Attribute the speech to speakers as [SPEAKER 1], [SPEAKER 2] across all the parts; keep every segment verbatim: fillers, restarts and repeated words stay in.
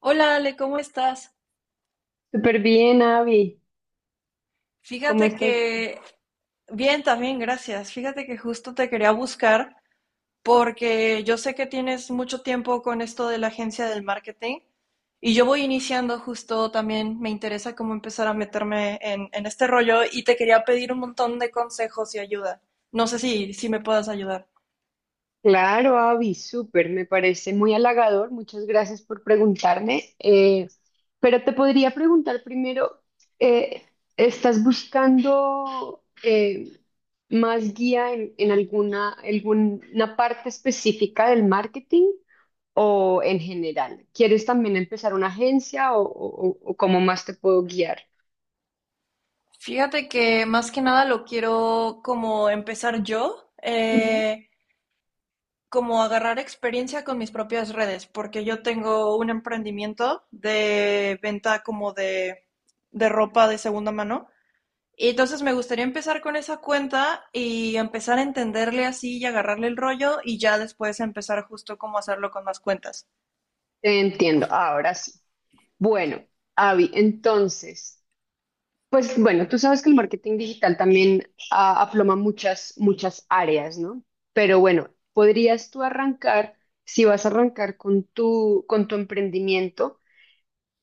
[SPEAKER 1] Hola Ale, ¿cómo estás?
[SPEAKER 2] Súper bien, Avi. ¿Cómo
[SPEAKER 1] Fíjate
[SPEAKER 2] estás tú?
[SPEAKER 1] que, bien, también, gracias. Fíjate que justo te quería buscar porque yo sé que tienes mucho tiempo con esto de la agencia del marketing y yo voy iniciando justo también, me interesa cómo empezar a meterme en, en este rollo y te quería pedir un montón de consejos y ayuda. No sé si, si me puedas ayudar.
[SPEAKER 2] Claro, Avi, súper. Me parece muy halagador. Muchas gracias por preguntarme. Eh, pero te podría preguntar primero, eh, ¿estás buscando eh, más guía en, en alguna, alguna parte específica del marketing o en general? ¿Quieres también empezar una agencia o, o- o- o cómo más te puedo guiar?
[SPEAKER 1] Fíjate que más que nada lo quiero como empezar yo.
[SPEAKER 2] Ujú.
[SPEAKER 1] Eh, como agarrar experiencia con mis propias redes, porque yo tengo un emprendimiento de venta como de, de ropa de segunda mano. Y entonces me gustaría empezar con esa cuenta y empezar a entenderle así y agarrarle el rollo y ya después empezar justo cómo hacerlo con más cuentas.
[SPEAKER 2] Entiendo, ahora sí. Bueno, Avi, entonces... Pues bueno, tú sabes que el marketing digital también ah, aploma muchas, muchas áreas, ¿no? Pero bueno, podrías tú arrancar, si vas a arrancar con tu, con tu emprendimiento,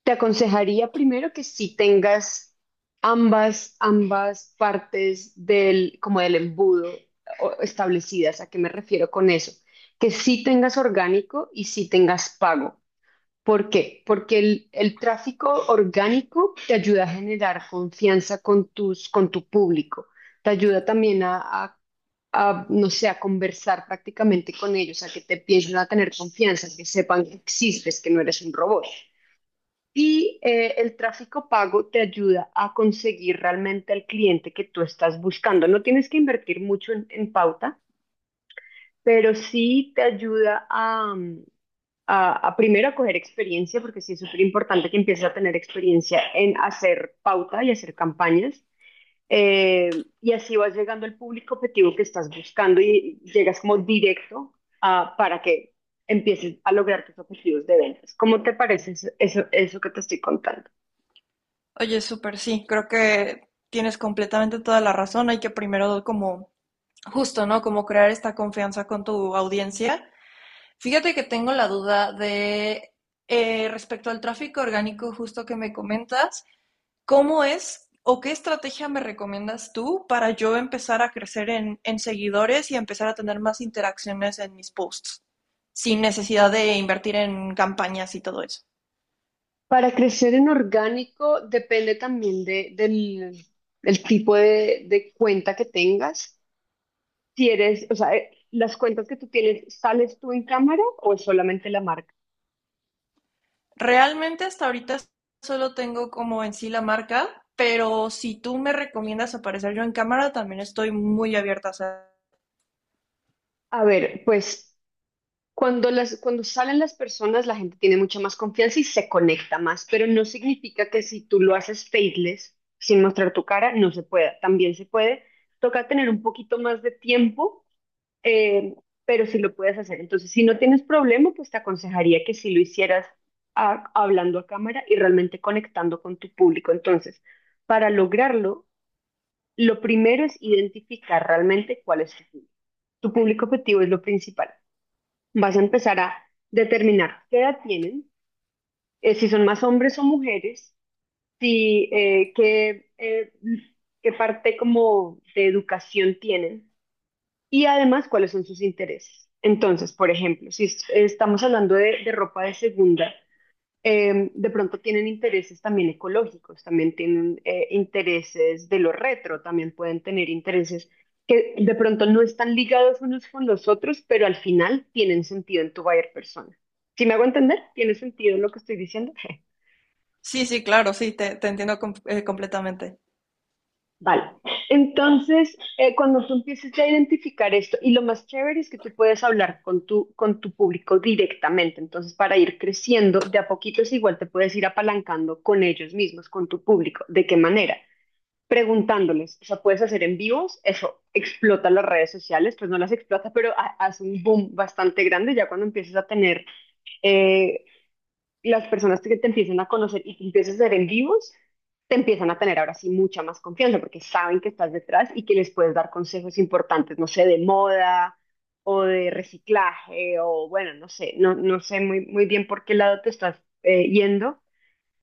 [SPEAKER 2] te aconsejaría primero que si tengas ambas, ambas partes del, como del embudo o- establecidas. ¿A qué me refiero con eso? Que sí tengas orgánico y sí tengas pago. ¿Por qué? Porque el, el tráfico orgánico te ayuda a generar confianza con tus, con tu público. Te ayuda también a, a- a, no sé, a conversar prácticamente con ellos, a que te empiecen a tener confianza, que sepan que existes, que no eres un robot. Y eh, el tráfico pago te ayuda a conseguir realmente al cliente que tú estás buscando. No tienes que invertir mucho en, en pauta, pero sí te ayuda a a, a primero a coger experiencia, porque sí es súper importante que empieces a tener experiencia en hacer pauta y hacer campañas. Eh, y así vas llegando al público objetivo que estás buscando y llegas como directo a- para que empieces a lograr tus objetivos de ventas. ¿Cómo te parece eso, eso, eso que te estoy contando?
[SPEAKER 1] Oye, súper sí, creo que tienes completamente toda la razón. Hay que primero como justo, ¿no? Como crear esta confianza con tu audiencia. Fíjate que tengo la duda de eh, respecto al tráfico orgánico justo que me comentas, ¿cómo es o qué estrategia me recomiendas tú para yo empezar a crecer en, en seguidores y empezar a tener más interacciones en mis posts sin necesidad de invertir en campañas y todo eso?
[SPEAKER 2] Para crecer en orgánico depende también de, del, del tipo de, de cuenta que tengas. Si eres, o sea, eh, las cuentas que tú tienes, ¿sales tú en cámara o es solamente la marca?
[SPEAKER 1] Realmente hasta ahorita solo tengo como en sí la marca, pero si tú me recomiendas aparecer yo en cámara, también estoy muy abierta a hacer.
[SPEAKER 2] A ver, pues cuando las, cuando salen las personas, la gente tiene mucha más confianza y se conecta más, pero no significa que si tú lo haces faceless, sin mostrar tu cara, no se pueda. También se puede. Toca tener un poquito más de tiempo, eh, pero si lo puedes hacer. Entonces, si no tienes problema, pues te aconsejaría que si lo hicieras a- hablando a cámara y realmente conectando con tu público. Entonces, para lograrlo, lo primero es identificar realmente cuál es tu público. Tu público objetivo es lo principal. Vas a empezar a determinar qué edad tienen, eh, si son más hombres o mujeres, si eh, qué, eh, qué parte como de educación tienen y además cuáles son sus intereses. Entonces, por ejemplo, si es- estamos hablando de, de ropa de segunda, eh, de pronto tienen intereses también ecológicos, también tienen eh, intereses de lo retro, también pueden tener intereses que de pronto no están ligados unos con los otros, pero al final tienen sentido en tu buyer persona. ¿Si me hago entender? ¿Tiene sentido lo que estoy diciendo?
[SPEAKER 1] Sí, sí, claro, sí, te, te entiendo com- eh, completamente.
[SPEAKER 2] Vale. Entonces, eh, cuando tú empieces a identificar esto, y lo más chévere es que tú puedes hablar con tu, con tu público directamente. Entonces, para ir creciendo, de a poquitos igual te puedes ir apalancando con ellos mismos, con tu público. ¿De qué manera? Preguntándoles. O sea, puedes hacer en vivos, eso explota las redes sociales, pues no las explota, pero hace un boom bastante grande ya cuando empiezas a tener eh, las personas que te empiezan a conocer y que empiezas a ser en vivos, te empiezan a tener ahora sí mucha más confianza porque saben que estás detrás y que les puedes dar consejos importantes, no sé, de moda o de reciclaje o bueno, no sé, no, no sé muy, muy bien por qué lado te estás eh, yendo,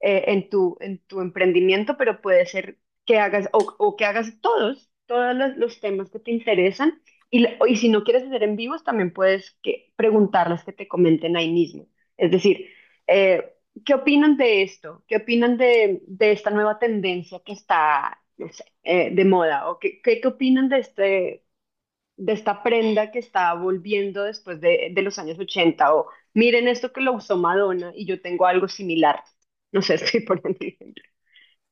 [SPEAKER 2] eh, en tu, en tu emprendimiento, pero puede ser que hagas o, o que hagas todos, todos los, los temas que te interesan. Y, la- y si no quieres hacer en vivos, también puedes que, preguntarles que te comenten ahí mismo. Es decir, eh, ¿qué opinan de esto? ¿Qué opinan de, de esta nueva tendencia que está, no sé, eh, de moda? ¿O qué, qué, qué opinan de este, de esta prenda que está volviendo después de, de los años ochenta o miren esto que lo usó Madonna y yo tengo algo similar? No sé, estoy poniendo el ejemplo.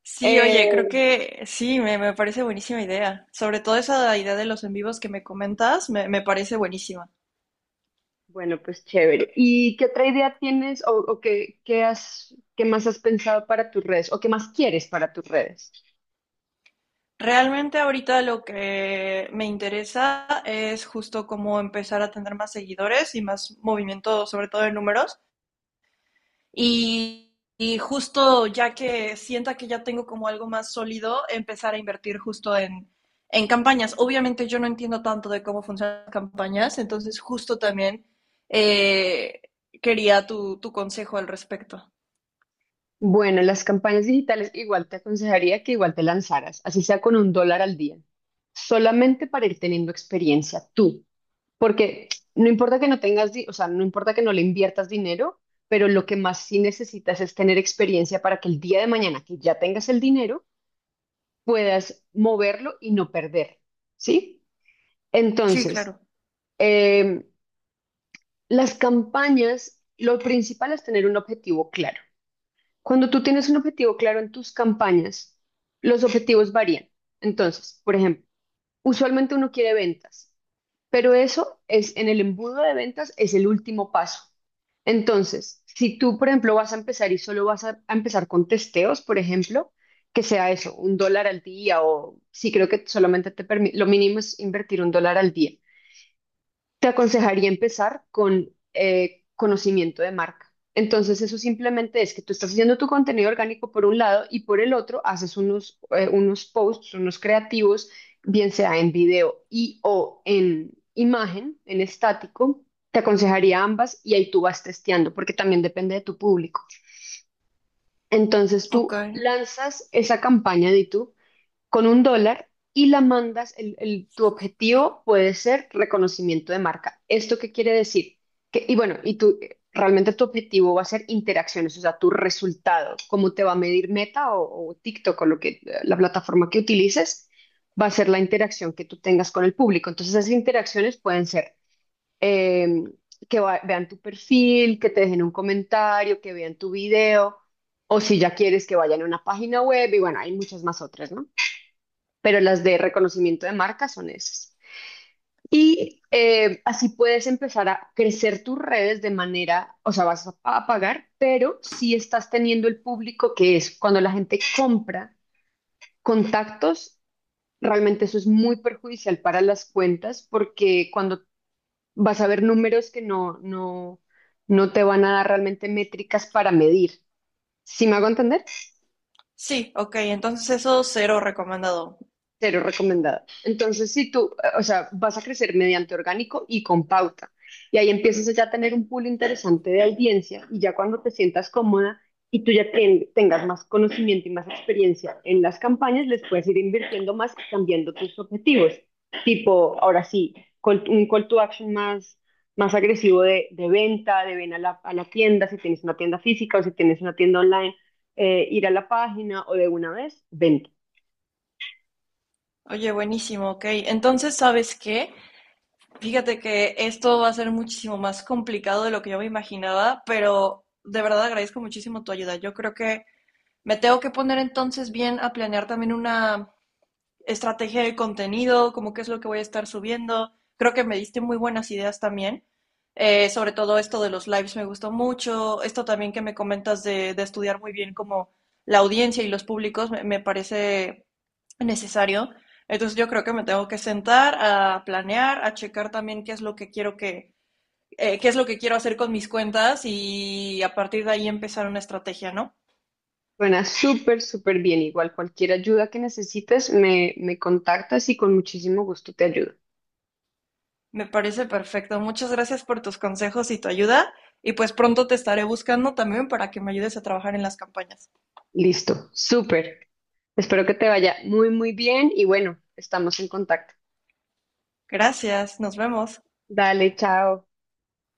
[SPEAKER 1] Sí, oye,
[SPEAKER 2] Eh,
[SPEAKER 1] creo que sí, me, me parece buenísima idea. Sobre todo esa idea de los en vivos que me comentas, me, me parece buenísima.
[SPEAKER 2] bueno, pues chévere. ¿Y qué otra idea tienes o, o qué, qué has, qué más has pensado para tus redes o qué más quieres para tus redes?
[SPEAKER 1] Realmente ahorita lo que me interesa es justo cómo empezar a tener más seguidores y más movimiento, sobre todo de números. Y, y justo ya que sienta que ya tengo como algo más sólido, empezar a invertir justo en, en campañas. Obviamente yo no entiendo tanto de cómo funcionan las campañas, entonces justo también eh, quería tu, tu consejo al respecto.
[SPEAKER 2] Bueno, las campañas digitales igual te aconsejaría que igual te lanzaras, así sea con un dólar al día, solamente para ir teniendo experiencia tú. Porque no importa que no tengas, di- o sea, no importa que no le inviertas dinero, pero lo que más sí necesitas es tener experiencia para que el día de mañana que ya tengas el dinero, puedas moverlo y no perder, ¿sí?
[SPEAKER 1] Sí,
[SPEAKER 2] Entonces,
[SPEAKER 1] claro.
[SPEAKER 2] eh, las campañas, lo principal es tener un objetivo claro. Cuando tú tienes un objetivo claro en tus campañas, los objetivos varían. Entonces, por ejemplo, usualmente uno quiere ventas. Pero eso es en el embudo de ventas, es el último paso. Entonces, si tú, por ejemplo, vas a empezar y solo vas a, a empezar con testeos, por ejemplo, que sea eso, un dólar al día o sí creo que solamente te permite, lo mínimo es invertir un dólar al día. Te aconsejaría empezar con eh, conocimiento de marca. Entonces, eso simplemente es que tú estás haciendo tu contenido orgánico por un lado y por el otro haces unos, eh, unos posts, unos creativos, bien sea en video y o en imagen, en estático. Te aconsejaría ambas y ahí tú vas testeando porque también depende de tu público. Entonces,
[SPEAKER 1] Ok.
[SPEAKER 2] tú lanzas esa campaña de YouTube con un dólar y la mandas, el, el- tu objetivo puede ser reconocimiento de marca. ¿Esto qué quiere decir? Que, y bueno, y tú, eh, realmente tu objetivo va a ser interacciones, o sea, tu resultado, cómo te va a medir Meta o, o TikTok o lo que, la plataforma que utilices, va a ser la interacción que tú tengas con el público. Entonces, esas interacciones pueden ser... eh, que va- vean tu perfil, que te dejen un comentario, que vean tu video, o si ya quieres que vayan a una página web, y bueno, hay muchas más otras, ¿no? Pero las de reconocimiento de marca son esas. Y eh, así puedes empezar a crecer tus redes de manera, o sea, vas a, a pagar, pero si estás teniendo el público que es cuando la gente compra contactos, realmente eso es muy perjudicial para las cuentas porque cuando vas a ver números que no, no, no te van a dar realmente métricas para medir. ¿Sí me hago entender?
[SPEAKER 1] Sí, ok, entonces eso cero recomendado.
[SPEAKER 2] Cero recomendada. Entonces, si tú, eh, o sea, vas a crecer mediante orgánico y con pauta. Y ahí empiezas ya a tener un pool interesante de audiencia y ya cuando te sientas cómoda y tú ya ten- tengas más conocimiento y más experiencia en las campañas, les puedes ir invirtiendo más y cambiando tus objetivos. Tipo, ahora sí, call- un call to action más, más agresivo de, de venta, de ven a la, a la tienda, si tienes una tienda física o si tienes una tienda online, eh, ir a la página o de una vez, venta.
[SPEAKER 1] Oye, buenísimo, ok. Entonces, ¿sabes qué? Fíjate que esto va a ser muchísimo más complicado de lo que yo me imaginaba, pero de verdad agradezco muchísimo tu ayuda. Yo creo que me tengo que poner entonces bien a planear también una, estrategia de contenido, como qué es lo que voy a estar subiendo. Creo que me diste muy buenas ideas también. Eh, sobre todo esto de los lives me gustó mucho. Esto también que me comentas de, de estudiar muy bien como la audiencia y los públicos me, me, parece necesario. Entonces yo creo que me tengo que sentar a planear, a checar también qué es lo que quiero que, eh, qué es lo que quiero hacer con mis cuentas y a partir de ahí empezar una estrategia, ¿no?
[SPEAKER 2] Suena súper, súper bien. Igual cualquier ayuda que necesites, me, me contactas y con muchísimo gusto te ayudo.
[SPEAKER 1] Me parece perfecto. Muchas gracias por tus consejos y tu ayuda. Y pues pronto te estaré buscando también para que me ayudes a trabajar en las campañas.
[SPEAKER 2] Listo, súper. Espero que te vaya muy, muy bien y bueno, estamos en contacto.
[SPEAKER 1] Gracias, nos vemos.
[SPEAKER 2] Dale, chao.